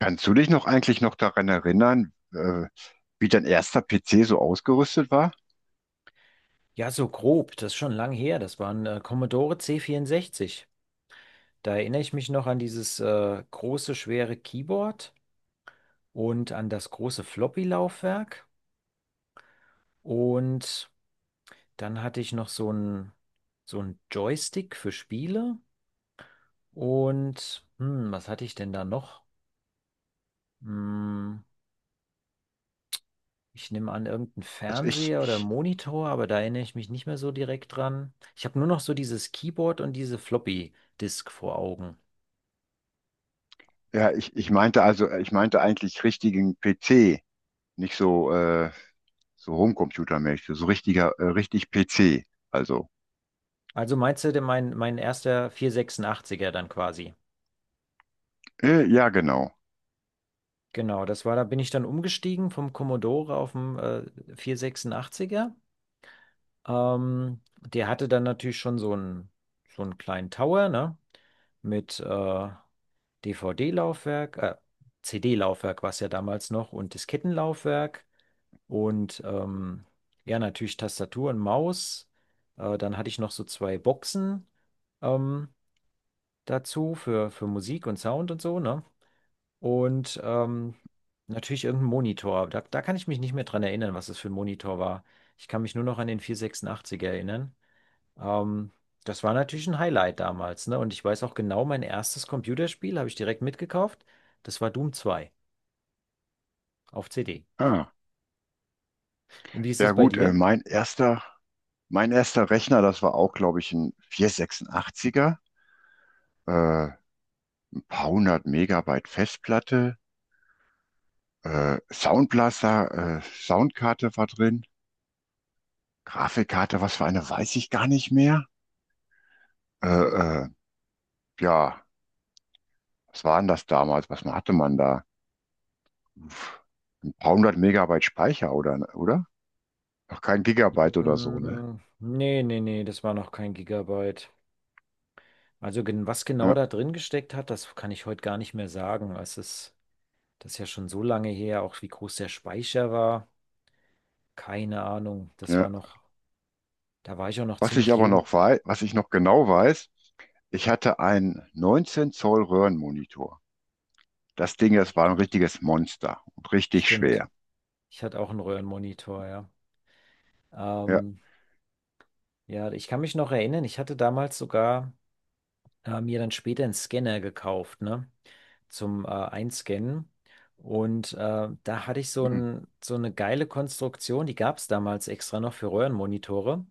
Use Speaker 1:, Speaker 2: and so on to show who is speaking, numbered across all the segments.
Speaker 1: Kannst du dich noch eigentlich noch daran erinnern, wie dein erster PC so ausgerüstet war?
Speaker 2: Ja, so grob, das ist schon lang her. Das waren Commodore C64. Da erinnere ich mich noch an dieses große, schwere Keyboard und an das große Floppy-Laufwerk. Und dann hatte ich noch so ein Joystick für Spiele. Und was hatte ich denn da noch? Hm, ich nehme an, irgendein
Speaker 1: Also
Speaker 2: Fernseher oder Monitor, aber da erinnere ich mich nicht mehr so direkt dran. Ich habe nur noch so dieses Keyboard und diese Floppy-Disk vor Augen.
Speaker 1: ja, ich meinte also, ich meinte eigentlich richtigen PC, nicht so, so Homecomputer-mäßig, so richtig PC. Also,
Speaker 2: Also meinst du denn mein erster vierhundertsechsundachtziger dann quasi?
Speaker 1: ja, genau.
Speaker 2: Genau, das war, da bin ich dann umgestiegen vom Commodore auf den 486. Der hatte dann natürlich schon so einen kleinen Tower, ne? Mit DVD-Laufwerk, CD-Laufwerk war es ja damals noch, und Diskettenlaufwerk und ja, natürlich Tastatur und Maus. Dann hatte ich noch so zwei Boxen. Ähm, dazu für Musik und Sound und so, ne? Und natürlich irgendein Monitor. Da, da kann ich mich nicht mehr dran erinnern, was es für ein Monitor war. Ich kann mich nur noch an den 486 erinnern. Ähm, das war natürlich ein Highlight damals, ne? Und ich weiß auch genau, mein erstes Computerspiel habe ich direkt mitgekauft. Das war Doom zwei auf CD.
Speaker 1: Ah,
Speaker 2: Und wie ist
Speaker 1: ja
Speaker 2: das bei
Speaker 1: gut,
Speaker 2: dir?
Speaker 1: mein erster Rechner, das war auch, glaube ich, ein 486er, äh, ein paar hundert Megabyte Festplatte, Soundkarte war drin. Grafikkarte, was für eine, weiß ich gar nicht mehr. Äh, äh, ja, was war denn das damals? Was hatte man da? Uff, ein paar hundert Megabyte Speicher oder? Noch kein Gigabyte oder so, ne?
Speaker 2: Mm, nee, nee, nee, das war noch kein Gigabyte. Also was genau
Speaker 1: Ja,
Speaker 2: da drin gesteckt hat, das kann ich heute gar nicht mehr sagen. Es ist, das ist ja schon so lange her, auch wie groß der Speicher war. Keine Ahnung. Das war
Speaker 1: ja.
Speaker 2: noch, da war ich auch noch
Speaker 1: Was ich
Speaker 2: ziemlich
Speaker 1: aber noch
Speaker 2: jung.
Speaker 1: weiß, was ich noch genau weiß, ich hatte einen 19 Zoll Röhrenmonitor. Das Ding, das war ein
Speaker 2: Stimmt.
Speaker 1: richtiges Monster und richtig
Speaker 2: Stimmt.
Speaker 1: schwer.
Speaker 2: Ich hatte auch einen Röhrenmonitor, ja.
Speaker 1: Ja.
Speaker 2: Ähm, ja, ich kann mich noch erinnern, ich hatte damals sogar mir dann später einen Scanner gekauft, ne? Zum Einscannen. Und da hatte ich so
Speaker 1: Hm.
Speaker 2: ein, so eine geile Konstruktion, die gab es damals extra noch für Röhrenmonitore.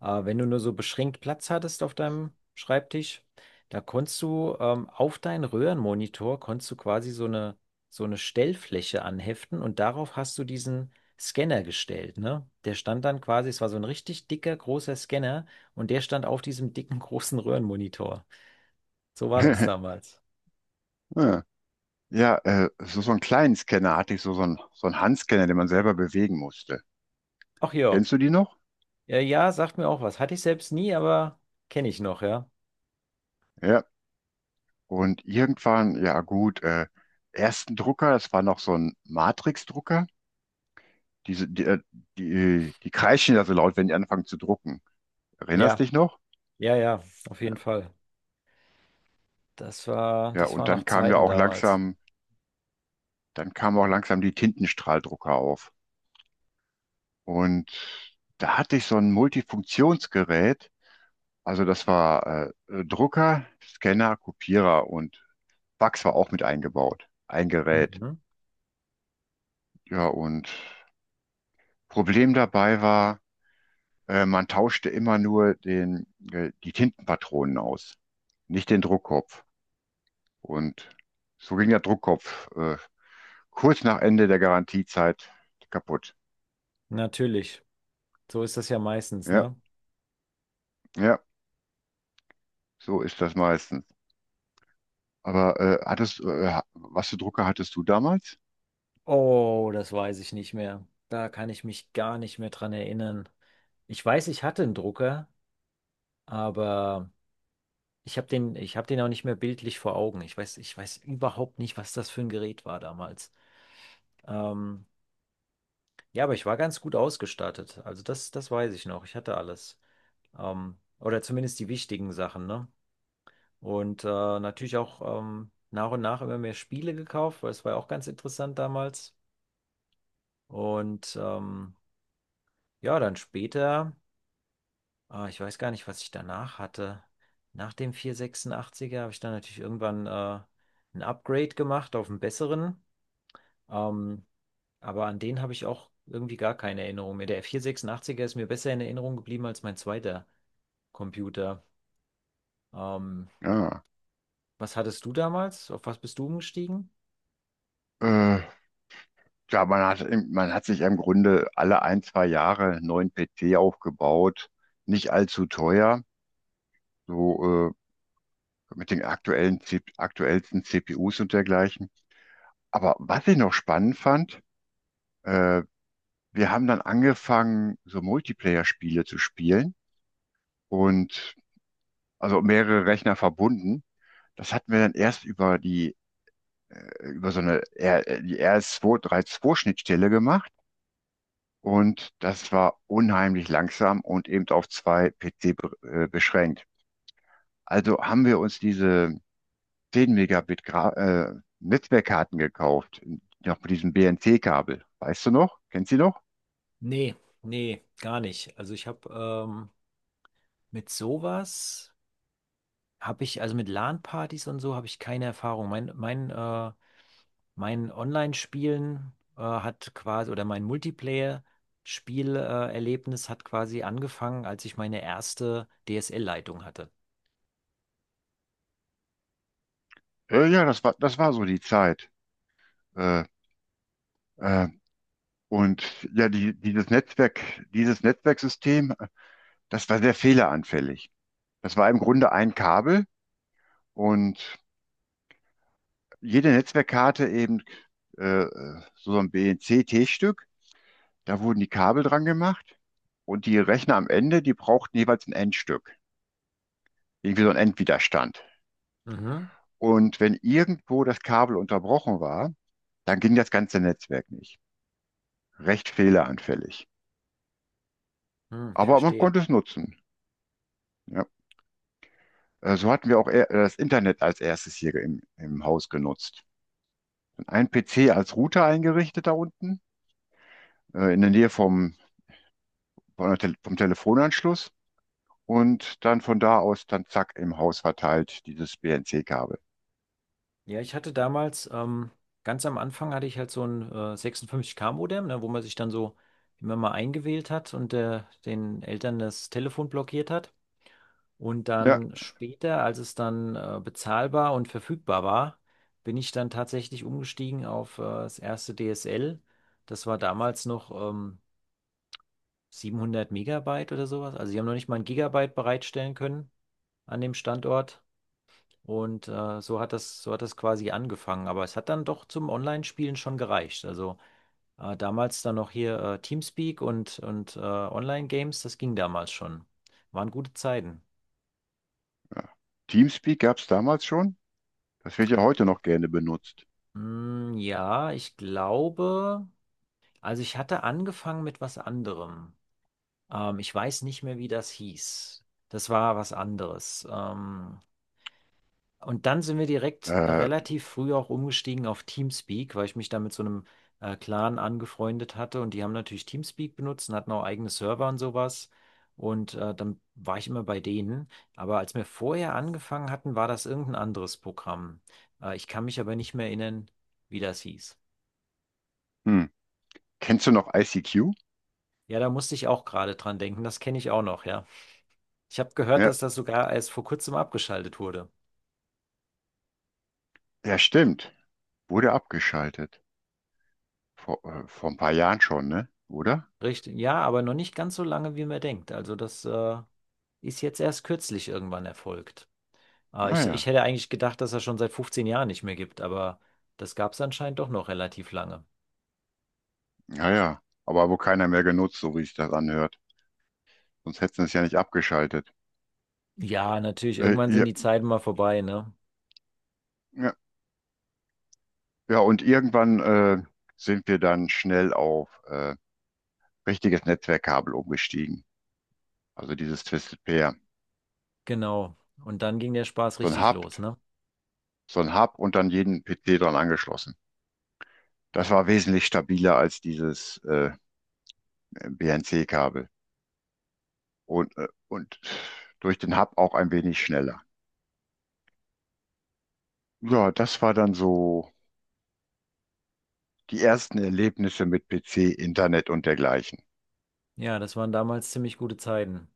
Speaker 2: Wenn du nur so beschränkt Platz hattest auf deinem Schreibtisch, da konntest du auf deinen Röhrenmonitor konntest du quasi so eine Stellfläche anheften, und darauf hast du diesen Scanner gestellt, ne? Der stand dann quasi, es war so ein richtig dicker, großer Scanner, und der stand auf diesem dicken, großen Röhrenmonitor. So war das damals.
Speaker 1: Ja, Ja, so einen kleinen Scanner hatte ich, so einen Handscanner, den man selber bewegen musste.
Speaker 2: Ach ja.
Speaker 1: Kennst du die noch?
Speaker 2: Ja, ja, sagt mir auch was. Hatte ich selbst nie, aber kenne ich noch, ja.
Speaker 1: Ja. Und irgendwann, ja gut, ersten Drucker, das war noch so ein Matrix-Drucker. Diese, die, äh, die kreischen ja so laut, wenn die anfangen zu drucken. Erinnerst
Speaker 2: Ja,
Speaker 1: dich noch?
Speaker 2: ja, ja, auf jeden Fall. Das war,
Speaker 1: Ja,
Speaker 2: das
Speaker 1: und
Speaker 2: waren
Speaker 1: dann
Speaker 2: noch
Speaker 1: kam ja
Speaker 2: Zeiten
Speaker 1: auch
Speaker 2: damals.
Speaker 1: langsam, dann kamen auch langsam die Tintenstrahldrucker auf. Und da hatte ich so ein Multifunktionsgerät. Also das war Drucker, Scanner, Kopierer und Fax war auch mit eingebaut. Ein Gerät.
Speaker 2: Mhm.
Speaker 1: Ja, und Problem dabei war, man tauschte immer nur die Tintenpatronen aus, nicht den Druckkopf. Und so ging der Druckkopf kurz nach Ende der Garantiezeit kaputt.
Speaker 2: Natürlich. So ist das ja meistens,
Speaker 1: Ja,
Speaker 2: ne?
Speaker 1: ja, so ist das meistens. Aber was für Drucker hattest du damals?
Speaker 2: Oh, das weiß ich nicht mehr. Da kann ich mich gar nicht mehr dran erinnern. Ich weiß, ich hatte einen Drucker, aber ich habe den auch nicht mehr bildlich vor Augen. Ich weiß überhaupt nicht, was das für ein Gerät war damals. Ähm, Ja, aber ich war ganz gut ausgestattet. Also das, das weiß ich noch. Ich hatte alles. Oder zumindest die wichtigen Sachen, ne? Und natürlich auch nach und nach immer mehr Spiele gekauft, weil es war ja auch ganz interessant damals. Und ja, dann später, ich weiß gar nicht, was ich danach hatte. Nach dem 486er habe ich dann natürlich irgendwann ein Upgrade gemacht auf einen besseren. Ähm, Aber an den habe ich auch irgendwie gar keine Erinnerung mehr. Der F486er ist mir besser in Erinnerung geblieben als mein zweiter Computer. Ähm,
Speaker 1: Ja,
Speaker 2: was hattest du damals? Auf was bist du umgestiegen?
Speaker 1: äh, ja, man hat sich im Grunde alle ein, zwei Jahre einen neuen PC aufgebaut, nicht allzu teuer, so mit den aktuellsten CPUs und dergleichen. Aber was ich noch spannend fand, äh, wir haben dann angefangen, so Multiplayer-Spiele zu spielen und also mehrere Rechner verbunden. Das hatten wir dann erst über die, über so eine R, die RS232-Schnittstelle gemacht und das war unheimlich langsam und eben auf zwei PC be beschränkt. Also haben wir uns diese 10 Megabit Gra Netzwerkkarten gekauft, noch mit diesem BNC-Kabel. Weißt du noch? Kennst du die noch?
Speaker 2: Nee, nee, gar nicht. Also ich habe mit sowas, habe ich, also mit LAN-Partys und so, habe ich keine Erfahrung. Mein Online-Spielen hat quasi, oder mein Multiplayer-Spielerlebnis Erlebnis hat quasi angefangen, als ich meine erste DSL-Leitung hatte.
Speaker 1: Ja, ja, das war so die Zeit. Äh, äh, und ja, dieses Netzwerksystem, das war sehr fehleranfällig. Das war im Grunde ein Kabel und jede Netzwerkkarte eben äh, so ein BNC-T-Stück. Da wurden die Kabel dran gemacht und die Rechner am Ende, die brauchten jeweils ein Endstück, irgendwie so ein Endwiderstand.
Speaker 2: Mhm.
Speaker 1: Und wenn irgendwo das Kabel unterbrochen war, dann ging das ganze Netzwerk nicht. Recht fehleranfällig.
Speaker 2: Hm, ich
Speaker 1: Aber man
Speaker 2: verstehe.
Speaker 1: konnte es nutzen. Ja. So hatten wir auch eher das Internet als erstes hier im Haus genutzt. Ein PC als Router eingerichtet da unten, in der Nähe vom Telefonanschluss und dann von da aus dann zack im Haus verteilt dieses BNC-Kabel.
Speaker 2: Ja, ich hatte damals, ganz am Anfang hatte ich halt so ein 56K-Modem, ne, wo man sich dann so immer mal eingewählt hat und den Eltern das Telefon blockiert hat. Und
Speaker 1: Ja,
Speaker 2: dann später, als es dann bezahlbar und verfügbar war, bin ich dann tatsächlich umgestiegen auf das erste DSL. Das war damals noch 700 Megabyte oder sowas. Also sie haben noch nicht mal ein Gigabyte bereitstellen können an dem Standort. Und so hat das quasi angefangen. Aber es hat dann doch zum Online-Spielen schon gereicht. Also damals dann noch hier Teamspeak und, Online-Games, das ging damals schon. Waren gute Zeiten.
Speaker 1: Teamspeak gab es damals schon. Das wird ja heute noch gerne benutzt.
Speaker 2: Mm, ja, ich glaube, also ich hatte angefangen mit was anderem. Ich weiß nicht mehr, wie das hieß. Das war was anderes. Und dann sind wir direkt
Speaker 1: Äh,
Speaker 2: relativ früh auch umgestiegen auf Teamspeak, weil ich mich da mit so einem Clan angefreundet hatte, und die haben natürlich Teamspeak benutzt und hatten auch eigene Server und sowas. Und dann war ich immer bei denen. Aber als wir vorher angefangen hatten, war das irgendein anderes Programm. Ich kann mich aber nicht mehr erinnern, wie das hieß.
Speaker 1: hm. Kennst du noch ICQ?
Speaker 2: Ja, da musste ich auch gerade dran denken. Das kenne ich auch noch, ja. Ich habe gehört,
Speaker 1: Ja,
Speaker 2: dass das sogar erst vor kurzem abgeschaltet wurde.
Speaker 1: ja, stimmt. Wurde abgeschaltet. Vor ein paar Jahren schon, ne? Oder?
Speaker 2: Richtig, ja, aber noch nicht ganz so lange, wie man denkt. Also das ist jetzt erst kürzlich irgendwann erfolgt. Ich, ich
Speaker 1: Naja,
Speaker 2: hätte eigentlich gedacht, dass er schon seit 15 Jahren nicht mehr gibt, aber das gab es anscheinend doch noch relativ lange.
Speaker 1: naja. Aber wo keiner mehr genutzt, so wie sich das anhört. Sonst hätten sie es ja nicht abgeschaltet.
Speaker 2: Ja, natürlich, irgendwann sind
Speaker 1: Ja,
Speaker 2: die Zeiten mal vorbei, ne?
Speaker 1: ja, ja, und irgendwann sind wir dann schnell auf richtiges Netzwerkkabel umgestiegen. Also dieses Twisted Pair.
Speaker 2: Genau. Und dann ging der Spaß
Speaker 1: So ein
Speaker 2: richtig
Speaker 1: Hub,
Speaker 2: los, ne?
Speaker 1: so ein Hub und dann jeden PC dran angeschlossen. Das war wesentlich stabiler als dieses BNC-Kabel. Und durch den Hub auch ein wenig schneller. Ja, das war dann so die ersten Erlebnisse mit PC, Internet und dergleichen.
Speaker 2: Ja, das waren damals ziemlich gute Zeiten.